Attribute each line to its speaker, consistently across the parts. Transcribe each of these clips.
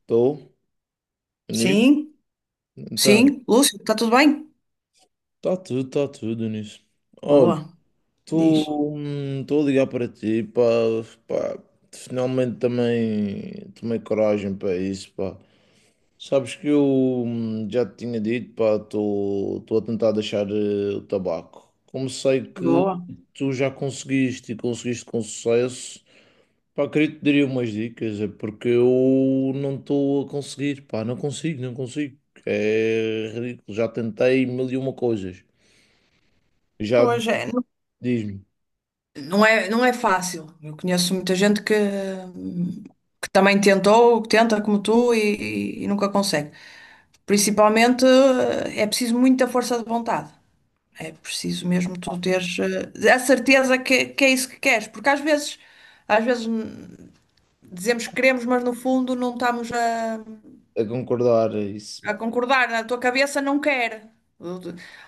Speaker 1: Estou nisso.
Speaker 2: Sim,
Speaker 1: Então,
Speaker 2: sim. Lúcio, está tudo bem?
Speaker 1: está tudo nisso. Olha,
Speaker 2: Boa, diz.
Speaker 1: estou a ligar para ti, pá, pá, finalmente também tomei coragem para isso, pá. Sabes que eu já te tinha dito, pá, estou a tentar deixar o tabaco. Como sei que
Speaker 2: Boa.
Speaker 1: tu já conseguiste e conseguiste com sucesso, pá, queria te daria umas dicas, é porque eu não estou a conseguir, pá, não consigo, não consigo. É ridículo, já tentei mil e uma coisas. Já
Speaker 2: Pois é, não
Speaker 1: diz-me
Speaker 2: não é, não é fácil. Eu conheço muita gente que também tentou, que tenta como tu e nunca consegue. Principalmente é preciso muita força de vontade. É preciso mesmo tu teres a certeza que é isso que queres. Porque às vezes, às vezes, dizemos que queremos, mas no fundo não estamos a
Speaker 1: a concordar a isso.
Speaker 2: a concordar, a tua cabeça não quer.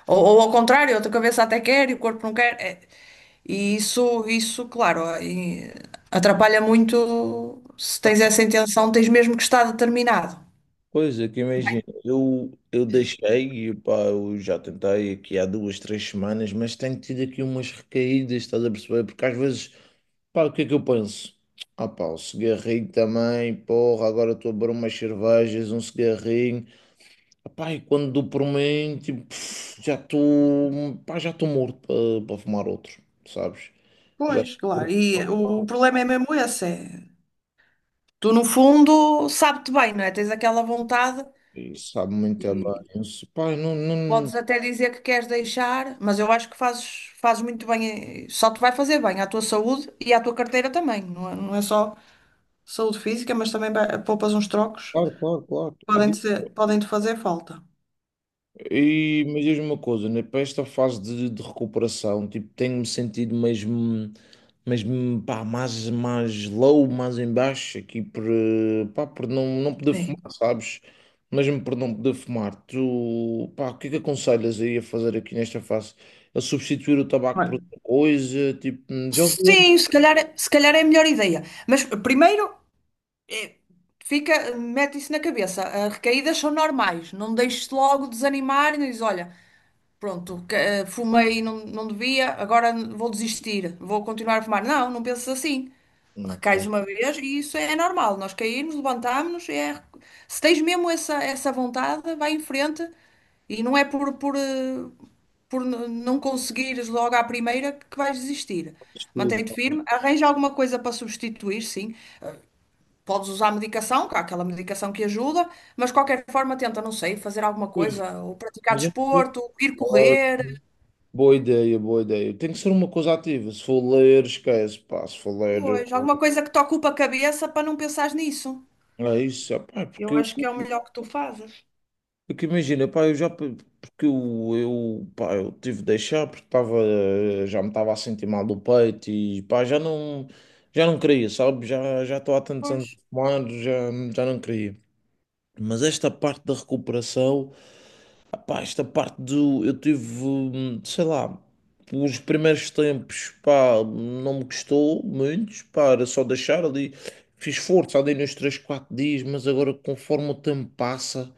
Speaker 2: Ou ao contrário, a tua cabeça até quer e o corpo não quer. É. E isso, claro, e atrapalha muito se tens essa intenção, tens mesmo que estar determinado.
Speaker 1: Pois é, que imagina, eu
Speaker 2: Sim.
Speaker 1: deixei, e, pá, eu já tentei aqui há duas, três semanas, mas tenho tido aqui umas recaídas, estás a perceber? Porque às vezes, pá, o que é que eu penso? Ah, pá, o cigarrinho também, porra, agora estou a beber umas cervejas, um cigarrinho. Pá, e quando dou por mim, tipo, pff, já estou, pá, já estou morto para fumar outro, sabes? Já
Speaker 2: Pois, claro.
Speaker 1: estou
Speaker 2: E
Speaker 1: morto
Speaker 2: o problema é mesmo esse. É... Tu, no fundo, sabe-te bem, não é? Tens aquela vontade
Speaker 1: e sabe muito bem.
Speaker 2: e
Speaker 1: Eu disse, pá, não, não,
Speaker 2: podes até dizer que queres deixar, mas eu acho que fazes, fazes muito bem, só te vai fazer bem à tua saúde e à tua carteira também, não é, não é só. Saúde física, mas também ba- poupas uns trocos,
Speaker 1: claro, claro, claro.
Speaker 2: podem te, ser- podem te fazer falta.
Speaker 1: E mas diz-me uma coisa, né? Para esta fase de recuperação, tipo, tenho-me sentido mesmo, mesmo pá, mais, mais low, mais em baixo, aqui por, pá, por não, não poder fumar,
Speaker 2: Sim.
Speaker 1: sabes? Mesmo por não poder fumar, tu, pá, o que é que aconselhas aí a fazer aqui nesta fase? A substituir o tabaco por
Speaker 2: Olha,
Speaker 1: outra coisa? Tipo, já ouvi.
Speaker 2: sim, se calhar, é, se calhar é a melhor ideia. Mas primeiro, eh, fica, mete isso na cabeça. As recaídas são normais. Não deixes logo desanimar e diz, olha, pronto, que- fumei e não, não devia, agora vou desistir, vou continuar a fumar. Não, não penses assim.
Speaker 1: Não,
Speaker 2: Recais
Speaker 1: não,
Speaker 2: uma vez e isso é normal. Nós caímos, levantámos-nos. É... Se tens mesmo essa, essa vontade, vai em frente e não é por, por n- não conseguires logo à primeira que vais desistir. Mantém-te
Speaker 1: não.
Speaker 2: firme, arranja alguma coisa para substituir, sim. Podes usar medicação, que há aquela medicação que ajuda, mas de qualquer forma tenta, não sei, fazer alguma
Speaker 1: Pois,
Speaker 2: coisa, ou praticar
Speaker 1: mas é-
Speaker 2: desporto, ir
Speaker 1: olha,
Speaker 2: correr.
Speaker 1: boa ideia, boa ideia. Tem que ser uma coisa ativa. Se for ler, esquece, pá. Se for ler.
Speaker 2: Pois, alguma coisa que te ocupa a cabeça para não pensares nisso.
Speaker 1: É isso, ah, pá, porque,
Speaker 2: Eu
Speaker 1: eu,
Speaker 2: acho que é o melhor que tu fazes.
Speaker 1: porque imagina, pá, porque eu, pá, eu tive de deixar porque estava, já me estava a sentir mal do peito e pá, já não queria, sabe? Já estou há tantos
Speaker 2: Pois.
Speaker 1: anos a fumar, já, já não queria. Mas esta parte da recuperação, ah, pá, esta parte do, eu tive, sei lá, os primeiros tempos, pá, não me custou muito, pá, era só deixar ali. Fiz força ali nos 3 4 dias, mas agora conforme o tempo passa.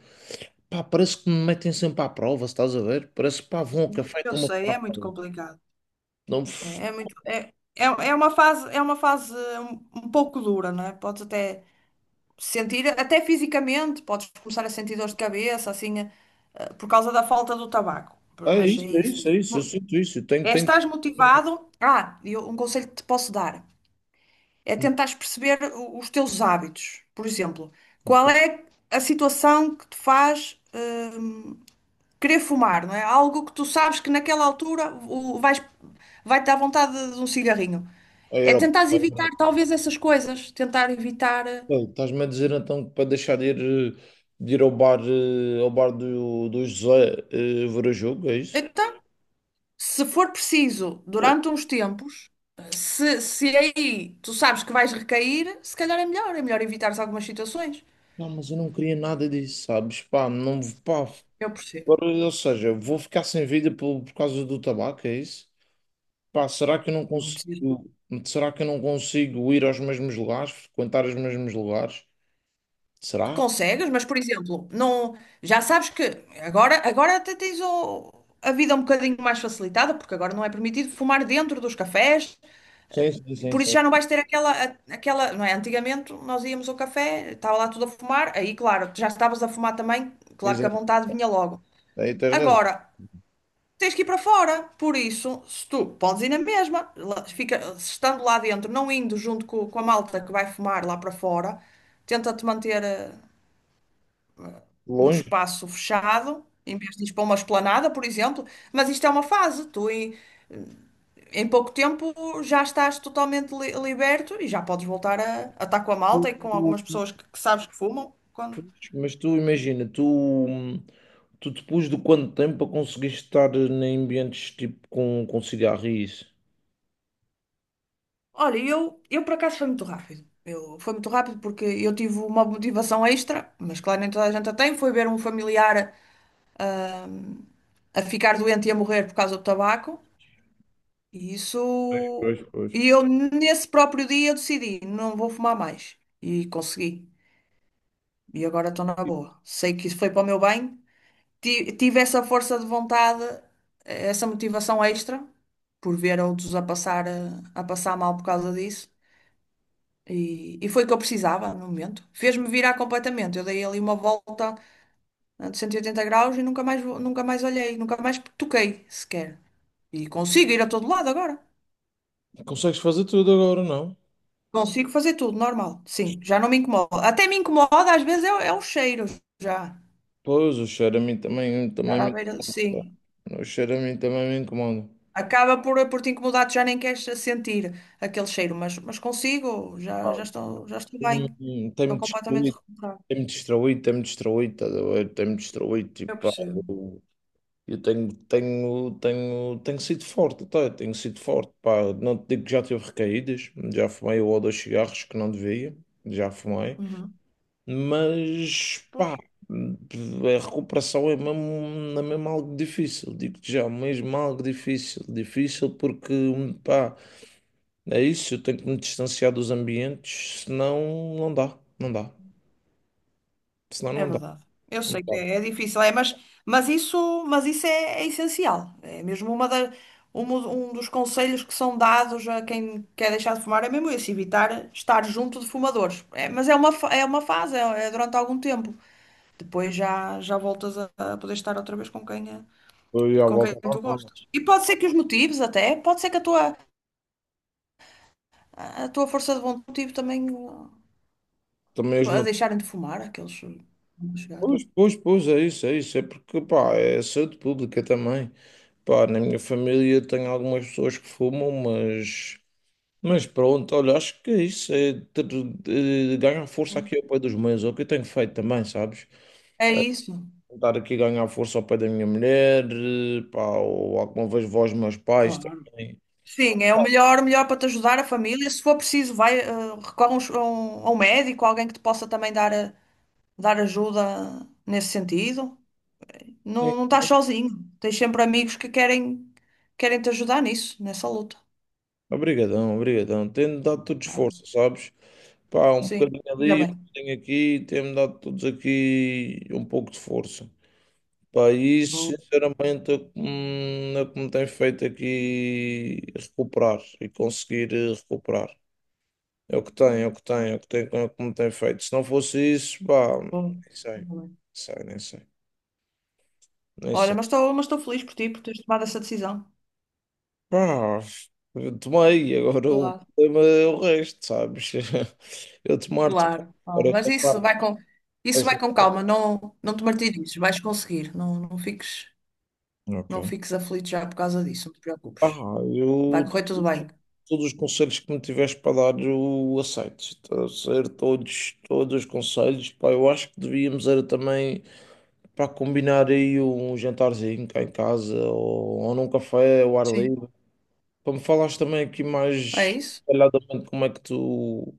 Speaker 1: Pá, parece que me metem sempre à prova, se estás a ver? Parece que pá, vão ao café e
Speaker 2: Eu
Speaker 1: estão-me a
Speaker 2: sei,
Speaker 1: pôr à
Speaker 2: é muito
Speaker 1: prova.
Speaker 2: complicado.
Speaker 1: Não, f-
Speaker 2: É, é muito, é, é, é uma fase um, um pouco dura, não é? Podes até sentir, até fisicamente, podes começar a sentir dores de cabeça, assim, por causa da falta do tabaco.
Speaker 1: é
Speaker 2: Mas é
Speaker 1: isso, é
Speaker 2: isso.
Speaker 1: isso, é isso, eu
Speaker 2: Mo-
Speaker 1: sinto isso, eu tenho,
Speaker 2: é,
Speaker 1: tenho...
Speaker 2: estás motivado? Ah, e eu- um conselho que te posso dar é
Speaker 1: Hum,
Speaker 2: tentares perceber o- os teus hábitos. Por exemplo, qual é a situação que te faz querer fumar, não é? Algo que tu sabes que naquela altura o- vais, vai-te dar vontade de um cigarrinho. É tentar
Speaker 1: aeroporto.
Speaker 2: evitar talvez essas coisas, tentar evitar.
Speaker 1: Estás-me a dizer então que para deixar de ir, eh, de ir ao bar, ao bar do, do José ver o jogo, é isso?
Speaker 2: Então, se for preciso,
Speaker 1: Pô,
Speaker 2: durante uns tempos, se aí tu sabes que vais recair, se calhar é melhor evitares algumas situações.
Speaker 1: não, mas eu não queria nada disso, sabes? Pá, não, pá,
Speaker 2: Eu percebo.
Speaker 1: agora, ou seja, vou ficar sem vida por causa do tabaco, é isso? Pá, será que eu não
Speaker 2: Não
Speaker 1: consigo,
Speaker 2: preciso.
Speaker 1: será que eu não consigo ir aos mesmos lugares, frequentar os mesmos lugares? Será?
Speaker 2: Consegues, mas por exemplo, não, já sabes que agora, agora até tens o- a vida um bocadinho mais facilitada, porque agora não é permitido fumar dentro dos cafés.
Speaker 1: Sim, sim, sim,
Speaker 2: Por isso
Speaker 1: sim.
Speaker 2: já não vais ter aquela, a- aquela, não é? Antigamente nós íamos ao café, estava lá tudo a fumar, aí claro, tu já estavas a fumar também, claro que a
Speaker 1: Exato.
Speaker 2: vontade vinha logo.
Speaker 1: Aí tens razão.
Speaker 2: Agora, tens que ir para fora, por isso, se tu podes ir na mesma, lá- fica, se estando lá dentro, não indo junto co- com, a malta que vai fumar lá para fora, tenta-te manter no
Speaker 1: Longe,
Speaker 2: espaço fechado, em vez de ir para uma esplanada, por exemplo, mas isto é uma fase, tu, e- em pouco tempo já estás totalmente li- liberto e já podes voltar a estar com a malta e com algumas pessoas que sabes que fumam. Quando...
Speaker 1: mas tu imagina, tu, tu depois de quanto tempo a conseguiste estar em ambientes tipo com cigarro e isso?
Speaker 2: Olha, eu por acaso foi muito rápido. Eu, foi muito rápido porque eu tive uma motivação extra, mas claro, nem toda a gente a tem. Foi ver um familiar a ficar doente e a morrer por causa do tabaco. E
Speaker 1: Pois, pois,
Speaker 2: isso.
Speaker 1: pois.
Speaker 2: E eu, nesse próprio dia, eu decidi: não vou fumar mais. E consegui. E agora estou na boa. Sei que isso foi para o meu bem, ti- tive essa força de vontade, essa motivação extra, por ver outros a passar, a passar mal por causa disso. E foi o que eu precisava no momento. Fez-me virar completamente. Eu dei ali uma volta de 180 graus e nunca mais, vo- nunca mais olhei, nunca mais toquei sequer. E consigo ir a todo lado agora.
Speaker 1: Consegues fazer tudo agora, não?
Speaker 2: Consigo fazer tudo, normal. Sim, já não me incomoda. Até me incomoda, às vezes, é, o- é o cheiro já.
Speaker 1: Pois, o cheiro a mim também, também
Speaker 2: Estar à
Speaker 1: me,
Speaker 2: beira, sim.
Speaker 1: o cheiro a mim também me incomoda.
Speaker 2: Acaba por te incomodar, tu já nem queres sentir aquele cheiro, mas consigo, já, já estou bem, estou
Speaker 1: Tem-me
Speaker 2: completamente
Speaker 1: destruído.
Speaker 2: recuperada.
Speaker 1: Tem-me distraído, estás a ver? Tem-me distraído, tipo,
Speaker 2: Eu
Speaker 1: pá,
Speaker 2: percebo.
Speaker 1: eu, eu tenho, tenho, tenho, tenho sido forte, tá? Tenho sido forte, pá. Não te digo que já tive recaídas, já fumei um ou dois cigarros que não devia, já fumei,
Speaker 2: Uhum.
Speaker 1: mas,
Speaker 2: Pois,
Speaker 1: pá, a recuperação é mesmo algo difícil, digo-te já, mesmo algo difícil, difícil porque, pá, é isso, eu tenho que me distanciar dos ambientes, senão não dá, não dá, senão
Speaker 2: é
Speaker 1: não dá.
Speaker 2: verdade. Eu sei que é, é difícil, é, mas isso é, é essencial. É mesmo uma da, um, um dos conselhos que são dados a quem quer deixar de fumar, é mesmo esse, evitar estar junto de fumadores. É, mas é uma, fa- é uma fase, é, é durante algum tempo. Depois já, já voltas a poder estar outra vez com quem, é
Speaker 1: Foi à
Speaker 2: com quem
Speaker 1: volta
Speaker 2: tu
Speaker 1: normal.
Speaker 2: gostas. E pode ser que os motivos até, pode ser que a tua, a tua força de vontade também
Speaker 1: Também os
Speaker 2: a
Speaker 1: motores.
Speaker 2: deixarem de fumar aqueles chegados.
Speaker 1: Pois, pois, pois, é isso, é isso. É porque, pá, é saúde pública também. Pá, na minha família tenho algumas pessoas que fumam, mas. Mas pronto, olha, acho que é isso é ter, ganhar força
Speaker 2: Hum.
Speaker 1: aqui ao pé dos meus, é o que eu tenho feito também, sabes?
Speaker 2: É
Speaker 1: É
Speaker 2: isso.
Speaker 1: tentar aqui ganhar força ao pé da minha mulher, pá, ou alguma vez vós, meus pais
Speaker 2: Claro.
Speaker 1: também.
Speaker 2: Sim, é o
Speaker 1: Pá,
Speaker 2: melhor, melhor para te ajudar a família. Se for preciso, vai, recorre a um, a um- a um médico, alguém que te possa também dar, dar ajuda nesse sentido.
Speaker 1: sim,
Speaker 2: Não, não estás sozinho. Tens sempre amigos que querem, querem te ajudar nisso, nessa luta.
Speaker 1: obrigadão, obrigadão. Tem-me dado todo
Speaker 2: Ah,
Speaker 1: esforço, sabes? Pá, um
Speaker 2: sim,
Speaker 1: bocadinho
Speaker 2: ainda
Speaker 1: ali, um
Speaker 2: bem.
Speaker 1: bocadinho aqui, tem-me dado todos aqui um pouco de força. Pá, e isso,
Speaker 2: Boa,
Speaker 1: sinceramente, é o que me é o que me tem feito aqui recuperar e conseguir recuperar. É o que tem, é o que tem, é o que tem, é o que me tem feito. Se não fosse isso, pá, nem
Speaker 2: boa.
Speaker 1: sei, nem
Speaker 2: Ainda bem.
Speaker 1: sei, nem sei, nem
Speaker 2: Olha,
Speaker 1: sei.
Speaker 2: mas estou feliz por ti, por teres tomado essa decisão.
Speaker 1: Pá, eu tomei, agora o
Speaker 2: Claro,
Speaker 1: problema é o resto, sabes? Eu tomar-te.
Speaker 2: claro. Ah,
Speaker 1: Agora
Speaker 2: mas
Speaker 1: esta parte.
Speaker 2: isso vai
Speaker 1: Esta-
Speaker 2: com calma, não, não te martirizes, vais conseguir, não, não fiques, não
Speaker 1: Ok.
Speaker 2: fiques aflito já por causa disso, não te
Speaker 1: Ah,
Speaker 2: preocupes. Vai
Speaker 1: eu,
Speaker 2: correr tudo bem.
Speaker 1: todos os conselhos que me tiveres para dar, eu aceito. Está a ser todos, todos os conselhos. Pá, eu acho que devíamos era também para combinar aí um jantarzinho cá em casa ou num café ao ar
Speaker 2: Sim.
Speaker 1: livre. Para me falares também aqui
Speaker 2: É
Speaker 1: mais
Speaker 2: isso?
Speaker 1: detalhadamente como é que tu,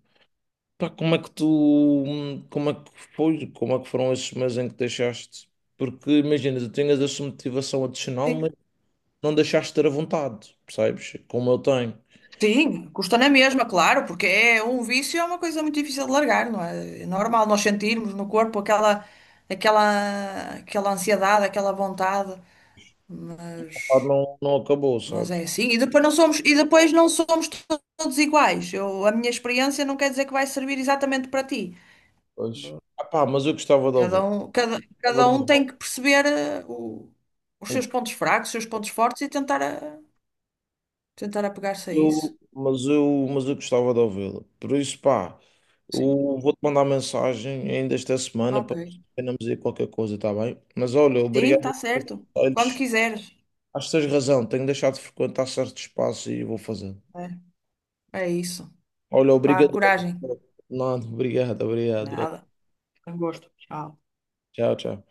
Speaker 1: pá, como é que tu, como é que foi, como é que foram esses meses em que deixaste? Porque imagina, tu tinhas essa motivação adicional, mas
Speaker 2: Sim.
Speaker 1: não deixaste de ter a vontade, percebes? Como eu tenho.
Speaker 2: Sim, custa na mesma, claro, porque é um vício é uma coisa muito difícil de largar, não é? É normal nós sentirmos no corpo aquela, aquela, aquela ansiedade, aquela vontade,
Speaker 1: A vontade
Speaker 2: mas
Speaker 1: não, não acabou,
Speaker 2: Mas
Speaker 1: sabes?
Speaker 2: é assim. E depois não somos, e depois não somos to- todos iguais. Eu, a minha experiência não quer dizer que vai servir exatamente para ti.
Speaker 1: Pois. Ah, pá, mas eu gostava de
Speaker 2: Cada
Speaker 1: ouvir.
Speaker 2: um, cada,
Speaker 1: Gostava
Speaker 2: cada
Speaker 1: de
Speaker 2: um
Speaker 1: ouvir.
Speaker 2: tem que perceber o- os seus pontos fracos, os seus pontos fortes e tentar, a- tentar apegar-se a isso.
Speaker 1: Eu, mas eu, mas eu gostava de ouvi-la. Por isso, pá, eu
Speaker 2: Sim,
Speaker 1: vou-te mandar mensagem ainda esta semana para
Speaker 2: ok.
Speaker 1: ver se combinamos aí qualquer coisa, está bem? Mas olha,
Speaker 2: Sim,
Speaker 1: obrigado
Speaker 2: está
Speaker 1: pelos
Speaker 2: certo. Quando
Speaker 1: conselhos.
Speaker 2: quiseres.
Speaker 1: Acho que tens razão, tenho deixado de frequentar certo espaço e vou fazer.
Speaker 2: É, é isso.
Speaker 1: Olha,
Speaker 2: Vá,
Speaker 1: obrigado.
Speaker 2: coragem.
Speaker 1: Não, obrigado, obrigado.
Speaker 2: Nada. Foi um gosto. Tchau.
Speaker 1: Tchau, tchau.